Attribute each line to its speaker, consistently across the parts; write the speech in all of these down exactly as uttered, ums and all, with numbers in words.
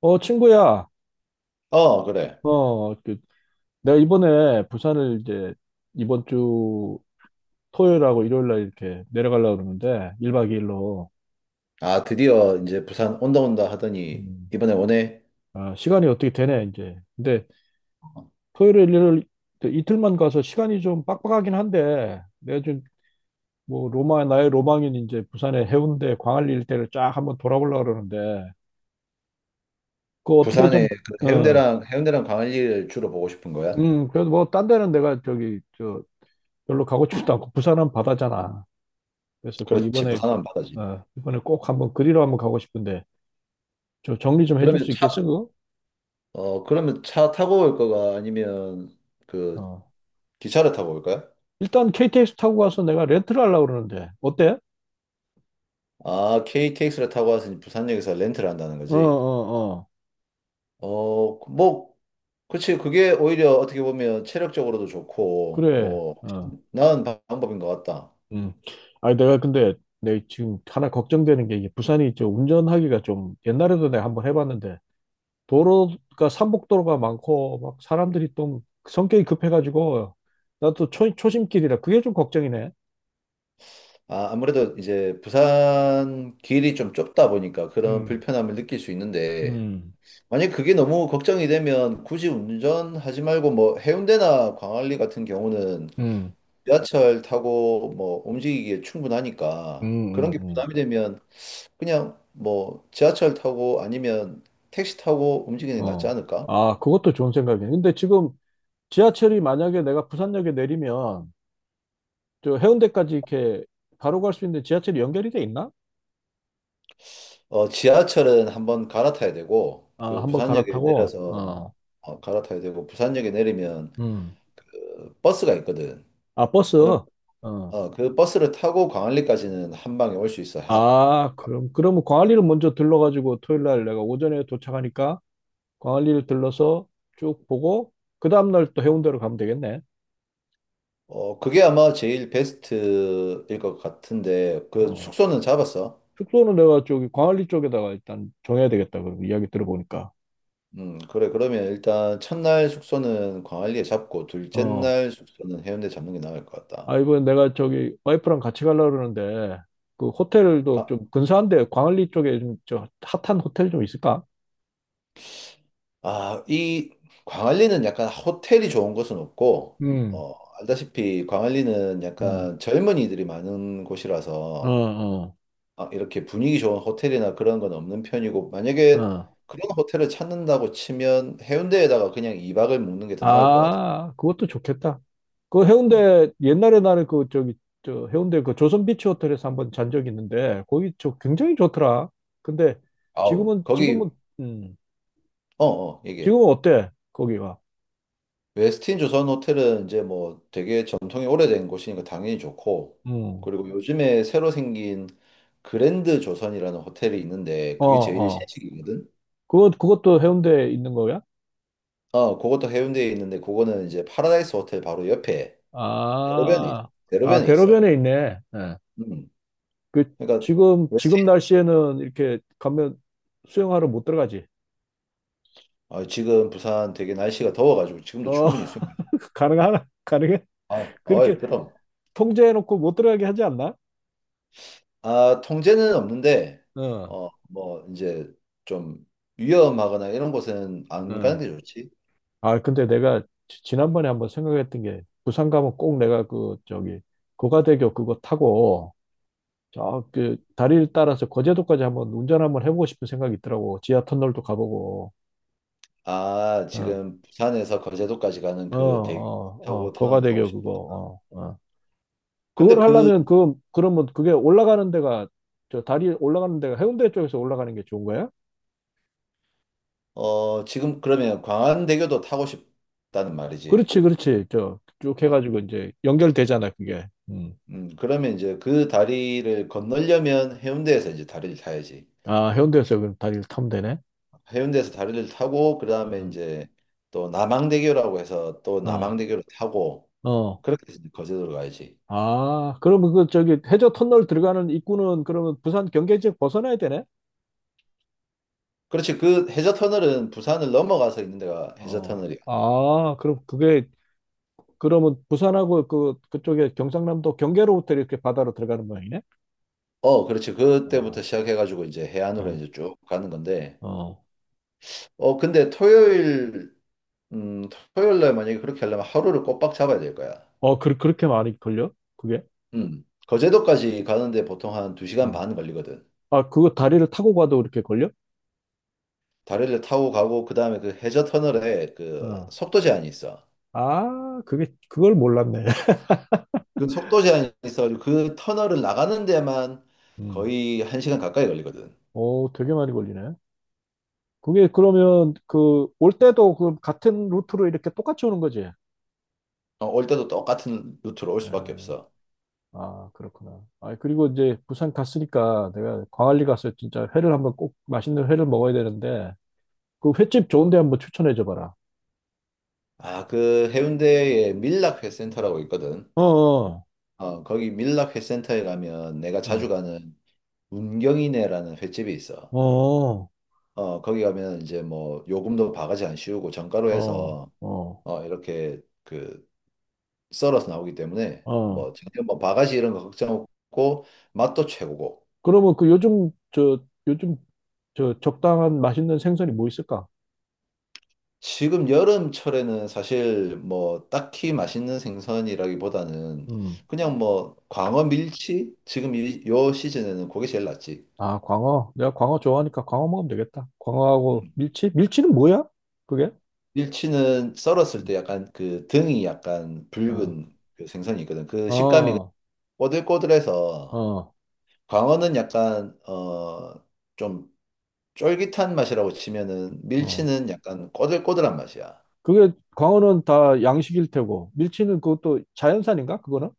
Speaker 1: 어, 친구야,
Speaker 2: 어, 그래.
Speaker 1: 어, 그, 내가 이번에 부산을 이제 이번 주 토요일하고 일요일 날 이렇게 내려가려고 그러는데, 일 박 이 일로.
Speaker 2: 아, 드디어 이제 부산 온다 온다 하더니 이번에 오네.
Speaker 1: 아, 시간이 어떻게 되네, 이제. 근데 토요일, 일요일 그 이틀만 가서 시간이 좀 빡빡하긴 한데, 내가 좀 뭐 로마, 나의 로망인 이제 부산의 해운대, 광안리 일대를 쫙 한번 돌아보려고 그러는데, 그거 어떻게 좀,
Speaker 2: 부산에 그
Speaker 1: 어,
Speaker 2: 해운대랑 해운대랑 광안리를 주로 보고 싶은 거야?
Speaker 1: 음, 그래도 뭐 딴 데는 내가 저기, 저, 별로 가고 싶지도 않고, 부산은 바다잖아. 그래서 그
Speaker 2: 그렇지,
Speaker 1: 이번에
Speaker 2: 부산은 바다지.
Speaker 1: 어, 이번에 꼭 한번 그리러 한번 가고 싶은데 저 정리 좀 해줄
Speaker 2: 그러면
Speaker 1: 수
Speaker 2: 차,
Speaker 1: 있겠어 그거?
Speaker 2: 어, 그러면 차 타고 올 거가 아니면 그
Speaker 1: 어.
Speaker 2: 기차를 타고 올 거야?
Speaker 1: 일단 케이티엑스 타고 가서 내가 렌트를 하려고 그러는데 어때?
Speaker 2: 아, 케이티엑스를 타고 와서 이제 부산역에서 렌트를 한다는
Speaker 1: 어,
Speaker 2: 거지.
Speaker 1: 어, 어.
Speaker 2: 어, 뭐, 그치, 그게 오히려 어떻게 보면 체력적으로도 좋고,
Speaker 1: 그래.
Speaker 2: 뭐,
Speaker 1: 어.
Speaker 2: 나은 방법인 것 같다.
Speaker 1: 음. 아니 내가 근데 내 지금 하나 걱정되는 게 이게 부산이 저 운전하기가 좀 옛날에도 내가 한번 해봤는데 도로가 산복도로가 많고 막 사람들이 좀 성격이 급해가지고 나도 초, 초심길이라 그게 좀 걱정이네.
Speaker 2: 아, 아무래도 이제 부산 길이 좀 좁다 보니까 그런
Speaker 1: 음.
Speaker 2: 불편함을 느낄 수 있는데,
Speaker 1: 음,
Speaker 2: 만약 그게 너무 걱정이 되면 굳이 운전하지 말고 뭐 해운대나 광안리 같은 경우는
Speaker 1: 음,
Speaker 2: 지하철 타고 뭐 움직이기에
Speaker 1: 음,
Speaker 2: 충분하니까 그런
Speaker 1: 음,
Speaker 2: 게
Speaker 1: 음.
Speaker 2: 부담이 되면 그냥 뭐 지하철 타고 아니면 택시 타고 움직이는 게 낫지
Speaker 1: 어.
Speaker 2: 않을까?
Speaker 1: 아, 그것도 좋은 생각이네. 근데 지금 지하철이 만약에 내가 부산역에 내리면 저 해운대까지 이렇게 바로 갈 수 있는데 지하철이 연결이 돼 있나?
Speaker 2: 어, 지하철은 한번 갈아타야 되고,
Speaker 1: 아,
Speaker 2: 그
Speaker 1: 한번
Speaker 2: 부산역에
Speaker 1: 갈아타고.
Speaker 2: 내려서
Speaker 1: 어.
Speaker 2: 어, 갈아타야 되고, 부산역에 내리면
Speaker 1: 음.
Speaker 2: 그 버스가 있거든.
Speaker 1: 아, 버스. 어.
Speaker 2: 어, 그 버스를 타고 광안리까지는 한 방에 올 수 있어. 하,
Speaker 1: 아, 그럼 그러면 광안리를 먼저 들러 가지고 토요일 날 내가 오전에 도착하니까 광안리를 들러서 쭉 보고 그 다음 날 또 해운대로 가면 되겠네.
Speaker 2: 어, 그게 아마 제일 베스트일 것 같은데, 그
Speaker 1: 어.
Speaker 2: 숙소는 잡았어?
Speaker 1: 숙소는 내가 저기 광안리 쪽에다가 일단 정해야 되겠다. 그 이야기 들어보니까.
Speaker 2: 음, 그래. 그러면 일단 첫날 숙소는 광안리에 잡고, 둘째
Speaker 1: 어.
Speaker 2: 날 숙소는 해운대 잡는 게 나을 것
Speaker 1: 아,
Speaker 2: 같다.
Speaker 1: 이번에 내가 저기 와이프랑 같이 가려고 그러는데, 그 호텔도
Speaker 2: 아,
Speaker 1: 좀 근사한데, 광안리 쪽에 좀 저 핫한 호텔 좀 있을까?
Speaker 2: 아, 이 광안리는 약간 호텔이 좋은 곳은 없고,
Speaker 1: 음,
Speaker 2: 어, 알다시피 광안리는
Speaker 1: 음.
Speaker 2: 약간 젊은이들이 많은
Speaker 1: 어,
Speaker 2: 곳이라서,
Speaker 1: 어,
Speaker 2: 아, 이렇게 분위기 좋은 호텔이나 그런 건 없는 편이고, 만약에
Speaker 1: 어.
Speaker 2: 그런 호텔을 찾는다고 치면 해운대에다가 그냥 이 박을 묵는 게 더 나을 것 같아.
Speaker 1: 아, 그것도 좋겠다. 그
Speaker 2: 음.
Speaker 1: 해운대, 옛날에 나는 그 저기, 저 해운대 그 조선비치 호텔에서 한번 잔 적이 있는데, 거기 저 굉장히 좋더라. 근데
Speaker 2: 아우,
Speaker 1: 지금은,
Speaker 2: 거기,
Speaker 1: 지금은, 음,
Speaker 2: 어, 어, 이게.
Speaker 1: 지금은 어때? 거기가.
Speaker 2: 웨스틴 조선 호텔은 이제 뭐 되게 전통이 오래된 곳이니까 당연히 좋고,
Speaker 1: 음.
Speaker 2: 그리고 요즘에 새로 생긴 그랜드 조선이라는 호텔이 있는데,
Speaker 1: 어,
Speaker 2: 그게 제일
Speaker 1: 어.
Speaker 2: 신식이거든?
Speaker 1: 그것, 그것도 해운대에 있는 거야?
Speaker 2: 어, 그것도 해운대에 있는데, 그거는 이제 파라다이스 호텔 바로 옆에 대로변에,
Speaker 1: 아, 아,
Speaker 2: 대로변에 있어.
Speaker 1: 대로변에 있네. 예.
Speaker 2: 음.
Speaker 1: 그,
Speaker 2: 그러니까
Speaker 1: 지금, 지금 날씨에는 이렇게 가면 수영하러 못 들어가지.
Speaker 2: 아, 지금 부산 되게 날씨가 더워가지고 지금도
Speaker 1: 어,
Speaker 2: 충분히 수영하죠.
Speaker 1: 가능하나? 가능해?
Speaker 2: 아, 어이,
Speaker 1: 그렇게
Speaker 2: 그럼.
Speaker 1: 통제해놓고 못 들어가게 하지 않나?
Speaker 2: 아, 통제는 없는데,
Speaker 1: 어,
Speaker 2: 어, 뭐, 이제 좀 위험하거나 이런 곳은 안 가는
Speaker 1: 어.
Speaker 2: 게 좋지.
Speaker 1: 아, 근데 내가 지- 지난번에 한번 생각했던 게, 부산 가면 꼭 내가 그, 저기, 고가대교 그거 타고, 저, 그, 다리를 따라서 거제도까지 한번 운전 한번 해보고 싶은 생각이 있더라고. 지하 터널도 가보고,
Speaker 2: 아,
Speaker 1: 어,
Speaker 2: 지금 부산에서 거제도까지 가는
Speaker 1: 어,
Speaker 2: 그 대교
Speaker 1: 어, 어,
Speaker 2: 타고 터널도 타고
Speaker 1: 고가대교 그거,
Speaker 2: 싶다.
Speaker 1: 어, 어.
Speaker 2: 근데
Speaker 1: 그걸
Speaker 2: 그,
Speaker 1: 하려면 그 그러면 그게 올라가는 데가 저 다리 올라가는 데가 해운대 쪽에서 올라가는 게 좋은 거야?
Speaker 2: 어, 지금 그러면 광안대교도 타고 싶다는 말이지.
Speaker 1: 그렇지, 그렇지. 저 쭉
Speaker 2: 어,
Speaker 1: 해가지고 이제 연결되잖아, 그게. 음.
Speaker 2: 음, 그러면 이제 그 다리를 건너려면 해운대에서 이제 다리를 타야지.
Speaker 1: 아, 해운대에서 그럼 다리를 타면 되네.
Speaker 2: 해운대에서 다리를 타고 그다음에
Speaker 1: 어,
Speaker 2: 이제 또 남항대교라고 해서 또
Speaker 1: 어,
Speaker 2: 남항대교를 타고
Speaker 1: 어.
Speaker 2: 그렇게 해서 이제 거제도로 가야지.
Speaker 1: 아, 그러면 그 저기 해저 터널 들어가는 입구는 그러면 부산 경계 지역 벗어나야 되네?
Speaker 2: 그렇지. 그 해저 터널은 부산을 넘어가서 있는 데가 해저
Speaker 1: 어.
Speaker 2: 터널이야.
Speaker 1: 아, 그럼 그게 그러면 부산하고 그 그쪽에 경상남도 경계로부터 이렇게 바다로 들어가는 모양이네?
Speaker 2: 어, 그렇지. 그때부터
Speaker 1: 어,
Speaker 2: 시작해 가지고 이제 해안으로
Speaker 1: 어,
Speaker 2: 이제 쭉 가는 건데.
Speaker 1: 어.
Speaker 2: 어, 근데 토요일 음, 토요일 날 만약에 그렇게 하려면 하루를 꼬박 잡아야 될 거야.
Speaker 1: 어, 그, 그렇게 많이 걸려? 그게?
Speaker 2: 음. 거제도까지 가는데 보통 한 두 시간
Speaker 1: 음.
Speaker 2: 반 걸리거든.
Speaker 1: 아, 그거 다리를 타고 가도 이렇게 걸려?
Speaker 2: 다리를 타고 가고 그다음에 그 해저 터널에 그
Speaker 1: 어.
Speaker 2: 속도 제한이 있어.
Speaker 1: 아, 그게, 그걸 몰랐네.
Speaker 2: 그 속도 제한이 있어가지고 그 터널을 나가는 데만
Speaker 1: 음.
Speaker 2: 거의 한 시간 가까이 걸리거든.
Speaker 1: 오, 되게 많이 걸리네. 그게 그러면 그 올 때도 그 같은 루트로 이렇게 똑같이 오는 거지? 예.
Speaker 2: 어, 올 때도 똑같은 루트로 올 수밖에 없어.
Speaker 1: 아, 그렇구나. 아, 그리고 이제 부산 갔으니까 내가 광안리 가서 진짜 회를 한번 꼭 맛있는 회를 먹어야 되는데 그 횟집 좋은 데 한번 추천해 줘 봐라.
Speaker 2: 아, 그 해운대에 밀락회센터라고 있거든.
Speaker 1: 어, 어,
Speaker 2: 어, 거기 밀락회센터에 가면 내가 자주 가는 운경이네라는 횟집이 있어.
Speaker 1: 어. 어,
Speaker 2: 어, 거기 가면 이제 뭐 요금도 바가지 안 씌우고 정가로
Speaker 1: 어,
Speaker 2: 해서
Speaker 1: 어,
Speaker 2: 어, 이렇게 그 썰어서 나오기 때문에 뭐
Speaker 1: 어.
Speaker 2: 전혀 뭐 바가지 이런 거 걱정 없고 맛도 최고고.
Speaker 1: 그러면 그 요즘 저 요즘 저 적당한 맛있는 생선이 뭐 있을까?
Speaker 2: 지금 여름철에는 사실 뭐 딱히 맛있는 생선이라기보다는
Speaker 1: 음.
Speaker 2: 그냥 뭐 광어 밀치? 지금 이, 요 시즌에는 그게 제일 낫지.
Speaker 1: 아, 광어. 내가 광어 좋아하니까 광어 먹으면 되겠다. 광어하고
Speaker 2: 음.
Speaker 1: 밀치? 밀치는 뭐야? 그게?
Speaker 2: 밀치는 썰었을
Speaker 1: 음.
Speaker 2: 때 약간 그 등이 약간
Speaker 1: 어.
Speaker 2: 붉은 그 생선이 있거든. 그 식감이
Speaker 1: 어.
Speaker 2: 꼬들꼬들해서
Speaker 1: 어.
Speaker 2: 광어는 약간 어 좀 쫄깃한 맛이라고 치면은
Speaker 1: 어.
Speaker 2: 밀치는 약간 꼬들꼬들한 맛이야.
Speaker 1: 그게 광어는 다 양식일 테고 밀치는 그것도 자연산인가? 그거는?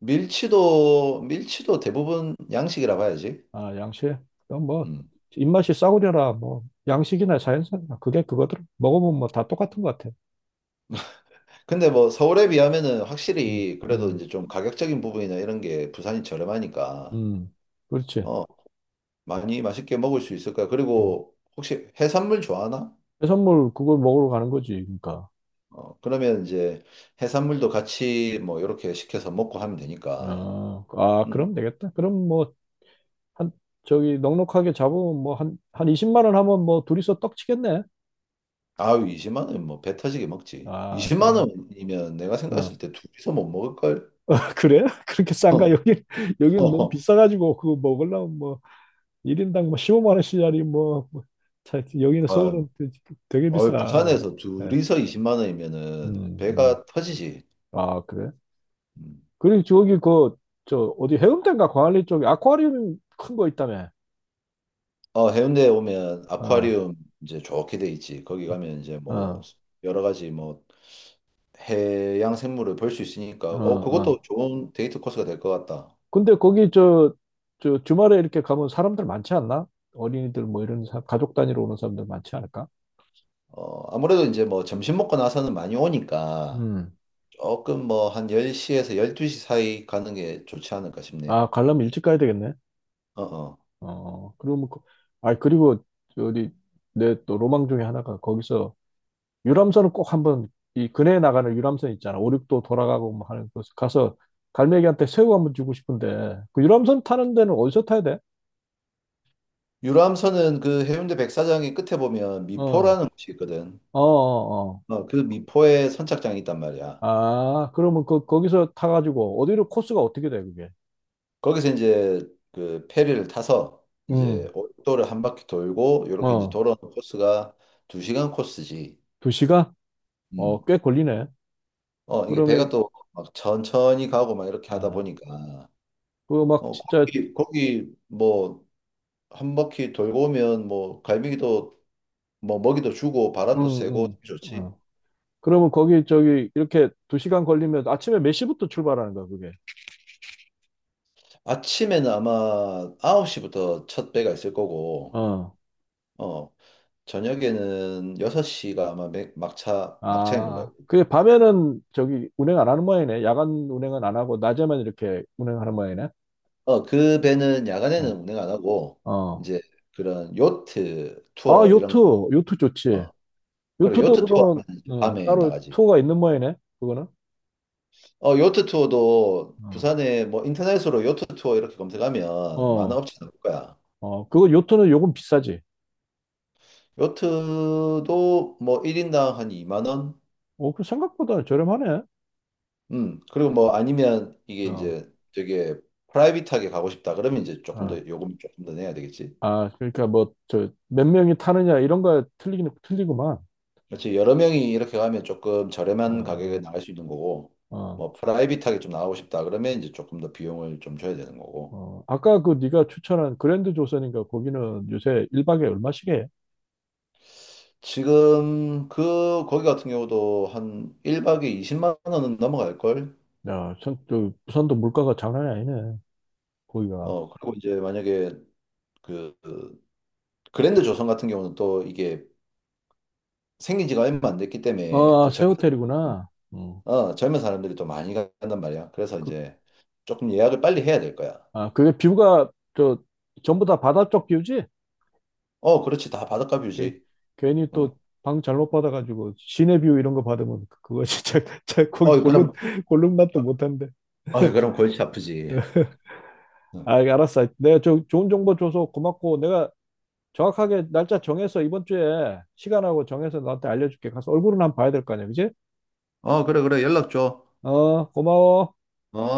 Speaker 2: 밀치도 밀치도 대부분 양식이라 봐야지.
Speaker 1: 아, 양식. 그럼 뭐
Speaker 2: 음.
Speaker 1: 입맛이 싸구려라. 뭐 양식이나 자연산이나 그게 그거들 먹으면 뭐 다 똑같은 것 같아.
Speaker 2: 근데 뭐 서울에 비하면은
Speaker 1: 음.
Speaker 2: 확실히 그래도
Speaker 1: 음.
Speaker 2: 이제 좀 가격적인 부분이나 이런 게 부산이 저렴하니까
Speaker 1: 음. 그렇지.
Speaker 2: 어 많이 맛있게 먹을 수 있을 거야. 그리고 혹시 해산물 좋아하나?
Speaker 1: 해산물 그걸 먹으러 가는 거지, 그러니까.
Speaker 2: 어 그러면 이제 해산물도 같이 뭐 이렇게 시켜서 먹고 하면 되니까.
Speaker 1: 아, 아,
Speaker 2: 음.
Speaker 1: 그럼 되겠다. 그럼 뭐, 한, 저기, 넉넉하게 잡으면 뭐, 한, 한 이십만 원 하면 뭐, 둘이서 떡 치겠네.
Speaker 2: 아유 이십만 원 뭐배 터지게 먹지.
Speaker 1: 아,
Speaker 2: 이십만
Speaker 1: 그래.
Speaker 2: 원이면 내가
Speaker 1: 어.
Speaker 2: 생각했을 때 둘이서 못 먹을 걸?
Speaker 1: 그래? 그렇게
Speaker 2: 어.
Speaker 1: 싼가? 여기, 여기는 너무
Speaker 2: 어.
Speaker 1: 비싸가지고, 그거 먹으려면 뭐, 일인당 뭐, 십오만 원짜리 뭐, 뭐 자, 여기는
Speaker 2: 아유,
Speaker 1: 서울은 되- 되게
Speaker 2: 어이,
Speaker 1: 비싸. 그게.
Speaker 2: 부산에서
Speaker 1: 네.
Speaker 2: 둘이서 이십만 원이면은
Speaker 1: 음, 음.
Speaker 2: 배가 터지지.
Speaker 1: 아, 그래?
Speaker 2: 음.
Speaker 1: 그리고 저기, 그, 저, 어디 해운대인가 광안리 쪽에 아쿠아리움 큰 거 있다며.
Speaker 2: 어, 해운대에 오면
Speaker 1: 어,
Speaker 2: 아쿠아리움 이제 좋게 돼 있지. 거기 가면 이제 뭐
Speaker 1: 어.
Speaker 2: 여러 가지 뭐 해양 생물을 볼 수 있으니까
Speaker 1: 어,
Speaker 2: 어, 그것도
Speaker 1: 어.
Speaker 2: 좋은 데이트 코스가 될 것 같다.
Speaker 1: 근데 거기 저, 저 주말에 이렇게 가면 사람들 많지 않나? 어린이들 뭐 이런 사- 가족 단위로 오는 사람들 많지 않을까?
Speaker 2: 어, 아무래도 이제 뭐 점심 먹고 나서는 많이 오니까
Speaker 1: 음.
Speaker 2: 조금 뭐 한 열 시에서 열두 시 사이 가는 게 좋지 않을까 싶네.
Speaker 1: 아, 가려면 일찍 가야 되겠네.
Speaker 2: 어, 어.
Speaker 1: 어, 그러면, 그- 아, 그리고 저기 내 또 로망 중에 하나가 거기서 유람선은 꼭 한번 이 근해에 나가는 유람선 있잖아. 오륙도 돌아가고 뭐 하는 곳 가서 갈매기한테 새우 한번 주고 싶은데 그 유람선 타는 데는 어디서 타야 돼?
Speaker 2: 유람선은 그 해운대 백사장의 끝에 보면
Speaker 1: 어,
Speaker 2: 미포라는 곳이 있거든.
Speaker 1: 어, 어, 어.
Speaker 2: 어, 그 미포에 선착장이 있단 말이야.
Speaker 1: 아, 그러면 그 거기서 타가지고 어디로 코스가 어떻게 돼, 그게?
Speaker 2: 거기서 이제 그 페리를 타서
Speaker 1: 음,
Speaker 2: 이제 오도를 한 바퀴 돌고 요렇게 이제
Speaker 1: 어,
Speaker 2: 돌아오는 코스가 두 시간 코스지.
Speaker 1: 두 시간?
Speaker 2: 음.
Speaker 1: 어, 꽤 걸리네.
Speaker 2: 어, 이게 배가
Speaker 1: 그러면,
Speaker 2: 또 막 천천히 가고 막 이렇게 하다
Speaker 1: 아,
Speaker 2: 보니까
Speaker 1: 그거 막
Speaker 2: 어,
Speaker 1: 진짜,
Speaker 2: 거기 거기 뭐 한 바퀴 돌고 오면 뭐 갈매기도 뭐 먹이도 주고 바람도 쐬고
Speaker 1: 음, 음,
Speaker 2: 좋지.
Speaker 1: 어. 그러면 거기, 저기, 이렇게 두 시간 걸리면 아침에 몇 시부터 출발하는 거야, 그게?
Speaker 2: 아침에는 아마 아홉 시부터 첫 배가 있을 거고
Speaker 1: 어,
Speaker 2: 어, 저녁에는 여섯 시가 아마 맥- 막차 막차인 걸로
Speaker 1: 아,
Speaker 2: 알고
Speaker 1: 그게 밤에는 저기 운행 안 하는 모양이네. 야간 운행은 안 하고, 낮에만 이렇게 운행하는 모양이네.
Speaker 2: 어, 그 배는 야간에는
Speaker 1: 어,
Speaker 2: 운행 안 하고
Speaker 1: 어.
Speaker 2: 이제 그런 요트
Speaker 1: 아,
Speaker 2: 투어
Speaker 1: 요트,
Speaker 2: 이런
Speaker 1: 요트
Speaker 2: 거.
Speaker 1: 좋지.
Speaker 2: 어, 그래
Speaker 1: 요트도
Speaker 2: 요트 투어
Speaker 1: 그러면,
Speaker 2: 하면 이제
Speaker 1: 어,
Speaker 2: 밤에
Speaker 1: 따로
Speaker 2: 나가지.
Speaker 1: 투어가 있는 모양이네, 그거는?
Speaker 2: 어, 요트 투어도
Speaker 1: 어,
Speaker 2: 부산에 뭐 인터넷으로 요트 투어 이렇게 검색하면 많은
Speaker 1: 어,
Speaker 2: 업체 나올 거야.
Speaker 1: 어, 그거 요트는 요금 비싸지.
Speaker 2: 요트도 뭐 일 인당 한 이만 원?
Speaker 1: 어, 그 생각보다 저렴하네.
Speaker 2: 음, 그리고 뭐 아니면 이게
Speaker 1: 어,
Speaker 2: 이제 되게 프라이빗하게 가고 싶다 그러면 이제 조금 더
Speaker 1: 어.
Speaker 2: 요금 조금 더 내야 되겠지.
Speaker 1: 아, 그러니까 뭐, 저, 몇 명이 타느냐, 이런 거 틀리긴, 틀리구만.
Speaker 2: 그렇지. 여러 명이 이렇게 가면 조금 저렴한 가격에
Speaker 1: 어,
Speaker 2: 나갈 수 있는 거고,
Speaker 1: 어,
Speaker 2: 뭐 프라이빗하게 좀 나가고 싶다 그러면 이제 조금 더 비용을 좀 줘야 되는 거고.
Speaker 1: 어. 아까 그 네가 추천한 그랜드 조선인가, 거기는 요새 일 박에 얼마씩 해?
Speaker 2: 지금 그 거기 같은 경우도 한 일 박에 이십만 원은 넘어갈 걸.
Speaker 1: 야, 참, 저, 부산도 물가가 장난이 아니네, 거기가.
Speaker 2: 어, 그리고 이제 만약에 그그 그랜드 조선 같은 경우는 또 이게 생긴 지가 얼마 안 됐기 때문에
Speaker 1: 어, 아,
Speaker 2: 또
Speaker 1: 새
Speaker 2: 젊은,
Speaker 1: 호텔이구나. 음.
Speaker 2: 어, 젊은 사람들이 또 많이 간단 말이야. 그래서
Speaker 1: 그,
Speaker 2: 이제 조금 예약을 빨리 해야 될 거야.
Speaker 1: 아, 그게 뷰가, 저, 전부 다 바다 쪽 뷰지?
Speaker 2: 어, 그렇지. 다 바닷가
Speaker 1: 이렇게,
Speaker 2: 뷰지.
Speaker 1: 괜히
Speaker 2: 응.
Speaker 1: 또, 방 잘못 받아가지고, 시내 뷰 이런 거 받으면, 그거 진짜, 진짜 거기
Speaker 2: 어,
Speaker 1: 골룸,
Speaker 2: 그럼
Speaker 1: 골룸 맛도 못한데.
Speaker 2: 아, 그럼 골치 아프지.
Speaker 1: 아, 알았어. 내가 저 좋은 정보 줘서 고맙고 내가 정확하게 날짜 정해서 이번 주에 시간하고 정해서 너한테 알려줄게. 가서 얼굴은 한번 봐야 될 거 아니야, 그지?
Speaker 2: 어, 그래, 그래. 연락 줘.
Speaker 1: 어, 고마워.
Speaker 2: 어.